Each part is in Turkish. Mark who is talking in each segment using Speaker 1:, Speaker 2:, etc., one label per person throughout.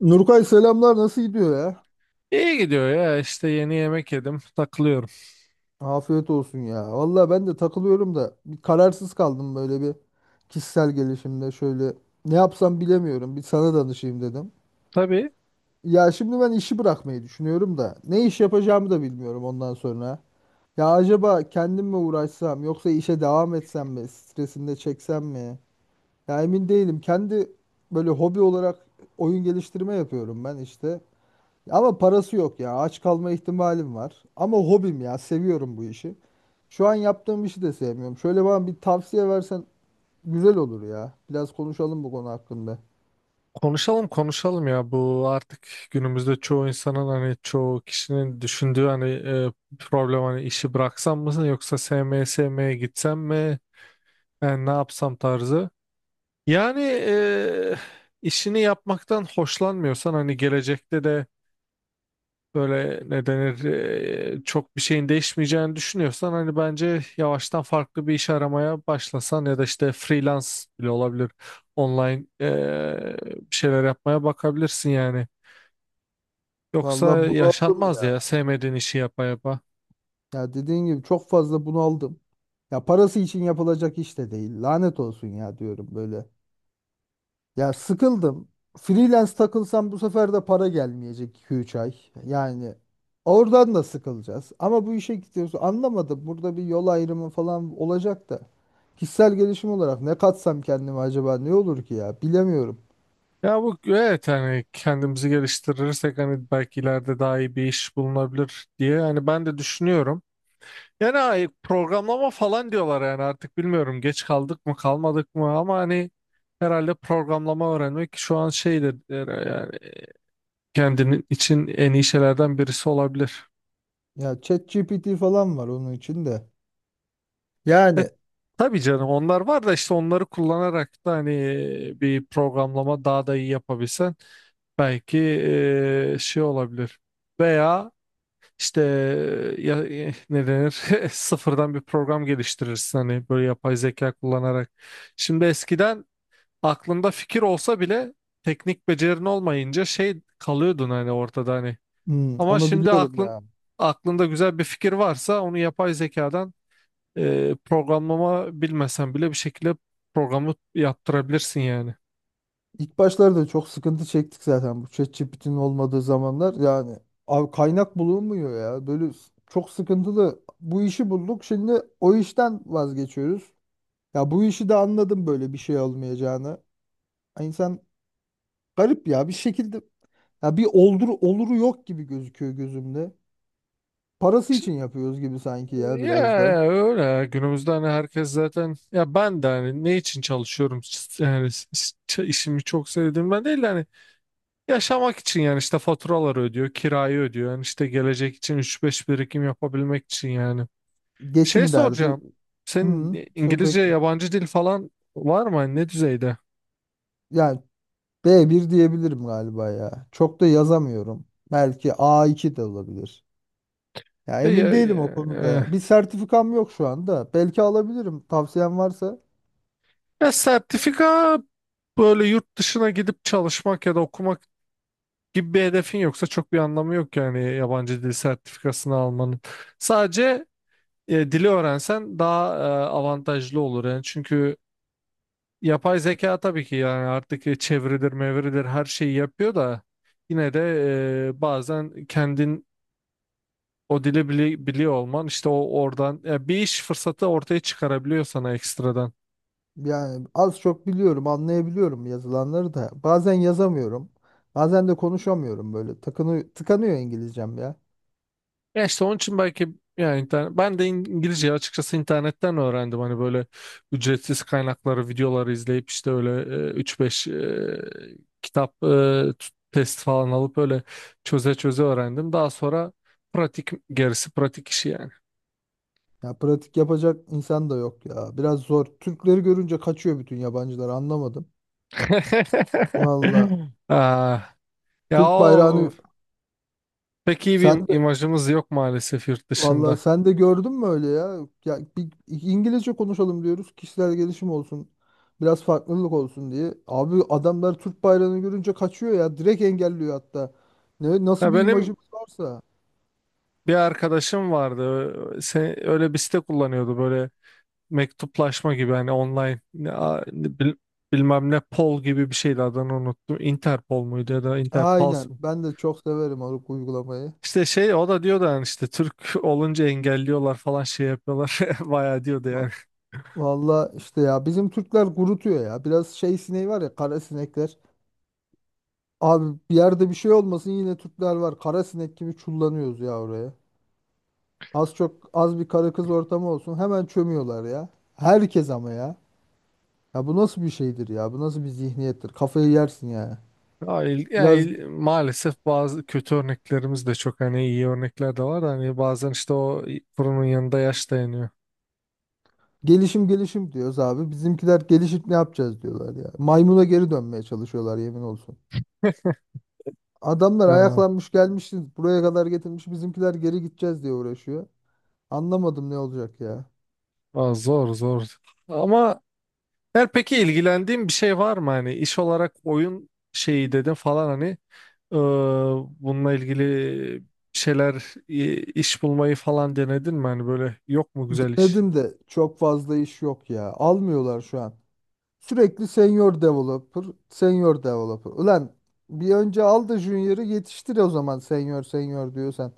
Speaker 1: Nurkay selamlar nasıl gidiyor ya?
Speaker 2: İyi gidiyor ya, işte yeni yemek yedim, takılıyorum.
Speaker 1: Afiyet olsun ya. Valla ben de takılıyorum da bir kararsız kaldım böyle bir kişisel gelişimde şöyle ne yapsam bilemiyorum. Bir sana danışayım dedim.
Speaker 2: Tabii,
Speaker 1: Ya şimdi ben işi bırakmayı düşünüyorum da ne iş yapacağımı da bilmiyorum ondan sonra. Ya acaba kendim mi uğraşsam yoksa işe devam etsem mi? Stresini de çeksem mi? Ya emin değilim. Kendi böyle hobi olarak oyun geliştirme yapıyorum ben işte. Ama parası yok ya. Aç kalma ihtimalim var. Ama hobim ya. Seviyorum bu işi. Şu an yaptığım işi de sevmiyorum. Şöyle bana bir tavsiye versen güzel olur ya. Biraz konuşalım bu konu hakkında.
Speaker 2: konuşalım konuşalım ya, bu artık günümüzde çoğu insanın hani çoğu kişinin düşündüğü hani problem, hani işi bıraksam mı yoksa SM'ye gitsem mi, yani ne yapsam tarzı. Yani işini yapmaktan hoşlanmıyorsan hani gelecekte de böyle, ne denir, çok bir şeyin değişmeyeceğini düşünüyorsan hani bence yavaştan farklı bir iş aramaya başlasan, ya da işte freelance bile olabilir, online bir şeyler yapmaya bakabilirsin yani. Yoksa
Speaker 1: Vallahi bunaldım
Speaker 2: yaşanmaz
Speaker 1: ya.
Speaker 2: ya, sevmediğin işi yapa yapa.
Speaker 1: Ya dediğin gibi çok fazla bunaldım. Ya parası için yapılacak iş de değil. Lanet olsun ya diyorum böyle. Ya sıkıldım. Freelance takılsam bu sefer de para gelmeyecek 2-3 ay. Yani oradan da sıkılacağız. Ama bu işe gidiyoruz. Anlamadım. Burada bir yol ayrımı falan olacak da. Kişisel gelişim olarak ne katsam kendime acaba ne olur ki ya? Bilemiyorum.
Speaker 2: Ya bu evet, hani kendimizi geliştirirsek hani belki ileride daha iyi bir iş bulunabilir diye hani ben de düşünüyorum. Yani programlama falan diyorlar, yani artık bilmiyorum, geç kaldık mı kalmadık mı, ama hani herhalde programlama öğrenmek şu an şeydir, yani kendinin için en iyi şeylerden birisi olabilir.
Speaker 1: Ya ChatGPT falan var onun içinde.
Speaker 2: E,
Speaker 1: Yani,
Speaker 2: tabii canım, onlar var da işte onları kullanarak da hani bir programlama daha da iyi yapabilsen belki şey olabilir. Veya işte ne denir sıfırdan bir program geliştirirsin hani, böyle yapay zeka kullanarak. Şimdi eskiden aklında fikir olsa bile teknik becerin olmayınca şey kalıyordun hani, ortada hani. Ama
Speaker 1: onu
Speaker 2: şimdi
Speaker 1: biliyorum ya.
Speaker 2: aklında güzel bir fikir varsa onu yapay zekadan programlama bilmesen bile bir şekilde programı yaptırabilirsin yani.
Speaker 1: İlk başlarda çok sıkıntı çektik zaten bu ChatGPT'nin olmadığı zamanlar. Yani abi kaynak bulunmuyor ya. Böyle çok sıkıntılı. Bu işi bulduk. Şimdi o işten vazgeçiyoruz. Ya bu işi de anladım böyle bir şey olmayacağını. Ay, İnsan garip ya bir şekilde, ya bir oldur oluru yok gibi gözüküyor gözümde. Parası için yapıyoruz gibi sanki ya
Speaker 2: Ya
Speaker 1: biraz da.
Speaker 2: öyle ya. Günümüzde hani herkes zaten, ya ben de hani ne için çalışıyorum, yani işimi çok sevdiğim ben değil de hani, yaşamak için yani, işte faturaları ödüyor, kirayı ödüyor, yani işte gelecek için üç beş birikim yapabilmek için yani. Şey
Speaker 1: Geçim derdi.
Speaker 2: soracağım.
Speaker 1: Hı,
Speaker 2: Senin İngilizce,
Speaker 1: sohbet.
Speaker 2: yabancı dil falan var mı? Hani ne düzeyde?
Speaker 1: Yani B1 diyebilirim galiba ya. Çok da yazamıyorum. Belki A2 de olabilir. Ya
Speaker 2: E,
Speaker 1: emin
Speaker 2: Ya, e,
Speaker 1: değilim o konuda. Ya.
Speaker 2: e,
Speaker 1: Bir sertifikam yok şu anda. Belki alabilirim. Tavsiyen varsa.
Speaker 2: ya sertifika, böyle yurt dışına gidip çalışmak ya da okumak gibi bir hedefin yoksa çok bir anlamı yok yani yabancı dil sertifikasını almanın. Sadece dili öğrensen daha avantajlı olur yani. Çünkü yapay zeka tabii ki, yani artık çeviridir, mevridir, her şeyi yapıyor da yine de bazen kendin o dili biliyor olman, işte o, oradan ya bir iş fırsatı ortaya çıkarabiliyor sana ekstradan.
Speaker 1: Yani az çok biliyorum, anlayabiliyorum yazılanları da. Bazen yazamıyorum. Bazen de konuşamıyorum böyle. Tıkanıyor İngilizcem ya.
Speaker 2: Ya işte onun için belki, yani internet, ben de İngilizceyi açıkçası internetten öğrendim. Hani böyle ücretsiz kaynakları, videoları izleyip, işte öyle 3-5 kitap, t- test falan alıp öyle çöze çöze öğrendim. Daha sonra pratik, gerisi pratik işi yani.
Speaker 1: Ya pratik yapacak insan da yok ya. Biraz zor. Türkleri görünce kaçıyor bütün yabancılar, anlamadım. Valla
Speaker 2: Ah, ya
Speaker 1: Türk
Speaker 2: o
Speaker 1: bayrağını
Speaker 2: pek iyi bir
Speaker 1: sen
Speaker 2: imajımız yok maalesef yurt
Speaker 1: Vallahi
Speaker 2: dışında.
Speaker 1: sen de gördün mü öyle ya? Ya bir İngilizce konuşalım diyoruz. Kişisel gelişim olsun. Biraz farklılık olsun diye. Abi adamlar Türk bayrağını görünce kaçıyor ya. Direkt engelliyor hatta.
Speaker 2: Ya
Speaker 1: Nasıl bir
Speaker 2: benim
Speaker 1: imajımız varsa.
Speaker 2: bir arkadaşım vardı. Öyle bir site kullanıyordu, böyle mektuplaşma gibi, hani online bilmem ne Pol gibi bir şeydi, adını unuttum. Interpol muydu ya da Interpals
Speaker 1: Aynen.
Speaker 2: mı?
Speaker 1: Ben de çok severim o uygulamayı.
Speaker 2: İşte şey, o da diyordu yani işte Türk olunca engelliyorlar falan, şey yapıyorlar. Bayağı diyordu yani.
Speaker 1: Va- Vallahi işte ya bizim Türkler gurutuyor ya. Biraz şey sineği var ya, kara sinekler. Abi bir yerde bir şey olmasın, yine Türkler var. Kara sinek gibi çullanıyoruz ya oraya. Az çok az bir karı kız ortamı olsun hemen çömüyorlar ya. Herkes ama ya. Ya bu nasıl bir şeydir ya? Bu nasıl bir zihniyettir? Kafayı yersin ya. Biraz
Speaker 2: Maalesef bazı kötü örneklerimiz de çok, hani iyi örnekler de var da hani, bazen işte o fırının yanında yaş dayanıyor.
Speaker 1: gelişim gelişim diyoruz abi. Bizimkiler gelişip ne yapacağız diyorlar ya. Maymuna geri dönmeye çalışıyorlar, yemin olsun. Adamlar
Speaker 2: Ha,
Speaker 1: ayaklanmış gelmişiz buraya kadar, getirmiş bizimkiler geri gideceğiz diye uğraşıyor. Anlamadım ne olacak ya.
Speaker 2: aa, zor, zor. Ama her peki, ilgilendiğin bir şey var mı hani iş olarak, oyun şeyi dedin falan hani, eee, bununla ilgili bir şeyler, iş bulmayı falan denedin mi hani, böyle yok mu güzel iş?
Speaker 1: Denedim de çok fazla iş yok ya. Almıyorlar şu an. Sürekli senior developer, senior developer. Ulan bir önce al da junior'ı yetiştir o zaman senior senior diyorsan.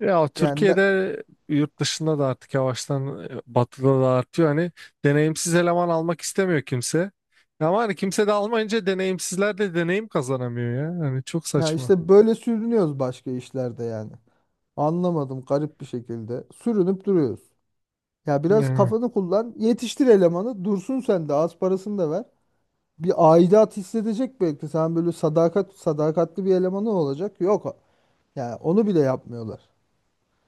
Speaker 2: Ya
Speaker 1: Yani ne,
Speaker 2: Türkiye'de, yurt dışında da artık yavaştan, batıda da artıyor hani, deneyimsiz eleman almak istemiyor kimse. Ama hani kimse de almayınca deneyimsizler de deneyim kazanamıyor ya. Hani çok
Speaker 1: ya
Speaker 2: saçma.
Speaker 1: işte böyle sürünüyoruz başka işlerde yani. Anlamadım, garip bir şekilde. Sürünüp duruyoruz. Ya biraz
Speaker 2: Ya.
Speaker 1: kafanı kullan, yetiştir elemanı, dursun, sen de az parasını da ver. Bir aidat hissedecek belki. Sen böyle sadakatli bir elemanı olacak. Yok. Yani onu bile yapmıyorlar.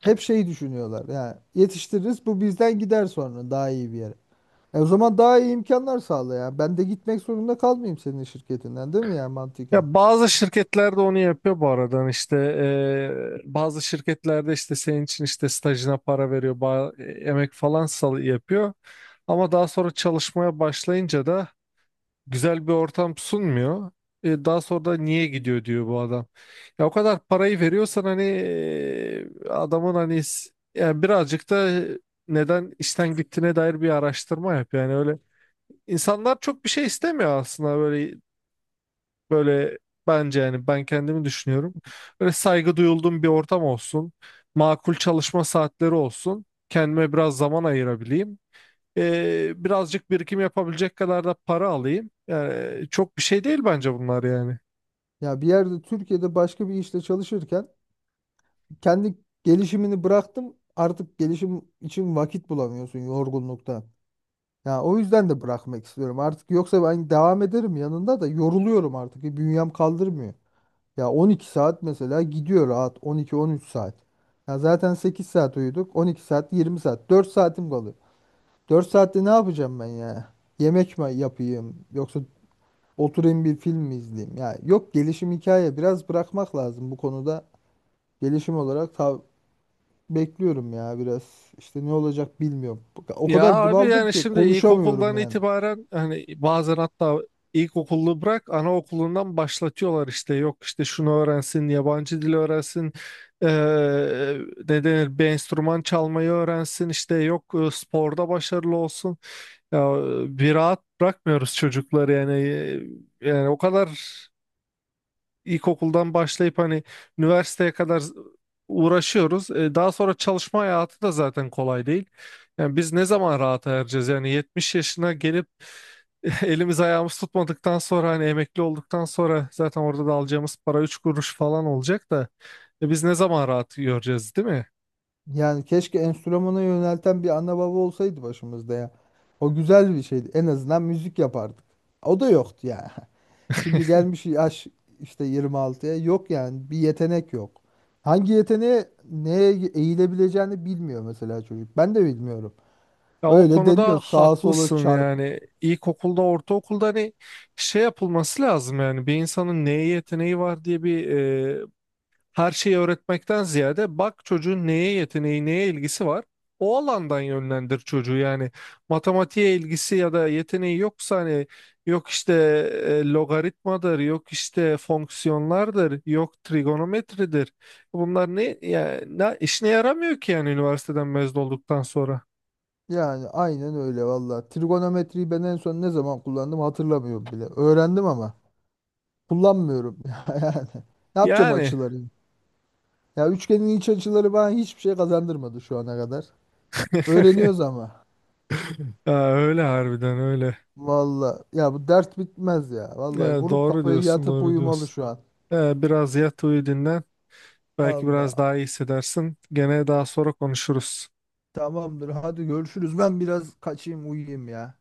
Speaker 1: Hep şey düşünüyorlar. Yani yetiştiririz bu bizden gider sonra daha iyi bir yere. E o zaman daha iyi imkanlar sağla ya. Ben de gitmek zorunda kalmayayım senin şirketinden, değil mi ya, mantıken?
Speaker 2: Ya bazı şirketler de onu yapıyor bu aradan, işte bazı şirketlerde işte senin için işte stajına para veriyor, emek falan sal yapıyor, ama daha sonra çalışmaya başlayınca da güzel bir ortam sunmuyor. E, daha sonra da niye gidiyor diyor bu adam. Ya o kadar parayı veriyorsan hani, adamın hani, yani birazcık da neden işten gittiğine dair bir araştırma yap, yani öyle. İnsanlar çok bir şey istemiyor aslında, böyle. Böyle bence, yani ben kendimi düşünüyorum. Böyle saygı duyulduğum bir ortam olsun. Makul çalışma saatleri olsun. Kendime biraz zaman ayırabileyim. Birazcık birikim yapabilecek kadar da para alayım. Yani çok bir şey değil bence bunlar yani.
Speaker 1: Ya bir yerde Türkiye'de başka bir işte çalışırken kendi gelişimini bıraktım. Artık gelişim için vakit bulamıyorsun yorgunluktan. Ya o yüzden de bırakmak istiyorum. Artık yoksa ben devam ederim yanında da yoruluyorum artık. Bünyem kaldırmıyor. Ya 12 saat mesela gidiyor rahat, 12-13 saat. Ya zaten 8 saat uyuduk. 12 saat, 20 saat. 4 saatim kalıyor. 4 saatte ne yapacağım ben ya? Yemek mi yapayım, yoksa oturayım bir film mi izleyeyim? Ya yok, gelişim hikaye, biraz bırakmak lazım bu konuda. Gelişim olarak bekliyorum ya biraz. İşte ne olacak bilmiyorum. O
Speaker 2: Ya
Speaker 1: kadar
Speaker 2: abi
Speaker 1: bunaldım
Speaker 2: yani
Speaker 1: ki
Speaker 2: şimdi
Speaker 1: konuşamıyorum
Speaker 2: ilkokuldan
Speaker 1: yani.
Speaker 2: itibaren hani, bazen hatta ilkokullu bırak, anaokulundan başlatıyorlar işte, yok işte şunu öğrensin, yabancı dil öğrensin, eee ne denir, bir enstrüman çalmayı öğrensin, işte yok sporda başarılı olsun, ya, bir rahat bırakmıyoruz çocukları yani. E, yani o kadar ilkokuldan başlayıp hani üniversiteye kadar uğraşıyoruz. E, daha sonra çalışma hayatı da zaten kolay değil. Yani biz ne zaman rahata ereceğiz? Yani 70 yaşına gelip elimiz ayağımız tutmadıktan sonra, hani emekli olduktan sonra zaten orada da alacağımız para 3 kuruş falan olacak da, biz ne zaman rahat göreceğiz, değil mi?
Speaker 1: Yani keşke enstrümana yönelten bir ana baba olsaydı başımızda ya. O güzel bir şeydi. En azından müzik yapardık. O da yoktu ya. Şimdi gelmiş yaş işte 26'ya, yok yani bir yetenek yok. Hangi yeteneğe neye eğilebileceğini bilmiyor mesela çocuk. Ben de bilmiyorum.
Speaker 2: Ya o
Speaker 1: Öyle
Speaker 2: konuda
Speaker 1: deniyor sağa sola
Speaker 2: haklısın,
Speaker 1: çarp.
Speaker 2: yani ilkokulda, ortaokulda hani şey yapılması lazım yani, bir insanın neye yeteneği var diye bir her şeyi öğretmekten ziyade bak çocuğun neye yeteneği, neye ilgisi var. O alandan yönlendir çocuğu yani. Matematiğe ilgisi ya da yeteneği yoksa hani yok işte logaritmadır, yok işte fonksiyonlardır, yok trigonometridir. Bunlar ne, ya, ne işine yaramıyor ki yani üniversiteden mezun olduktan sonra.
Speaker 1: Yani aynen öyle valla. Trigonometriyi ben en son ne zaman kullandım hatırlamıyorum bile. Öğrendim ama kullanmıyorum. Yani ne yapacağım
Speaker 2: Yani
Speaker 1: açıları? Ya üçgenin iç açıları bana hiçbir şey kazandırmadı şu ana kadar. Öğreniyoruz ama.
Speaker 2: ya öyle, harbiden öyle.
Speaker 1: Valla ya bu dert bitmez ya. Valla
Speaker 2: Ya
Speaker 1: vurup
Speaker 2: doğru
Speaker 1: kafayı
Speaker 2: diyorsun,
Speaker 1: yatıp
Speaker 2: doğru
Speaker 1: uyumalı
Speaker 2: diyorsun.
Speaker 1: şu an.
Speaker 2: Ya biraz yat, uyu, dinlen. Belki biraz
Speaker 1: Allah.
Speaker 2: daha iyi hissedersin. Gene daha sonra konuşuruz.
Speaker 1: Tamamdır hadi görüşürüz. Ben biraz kaçayım uyuyayım ya.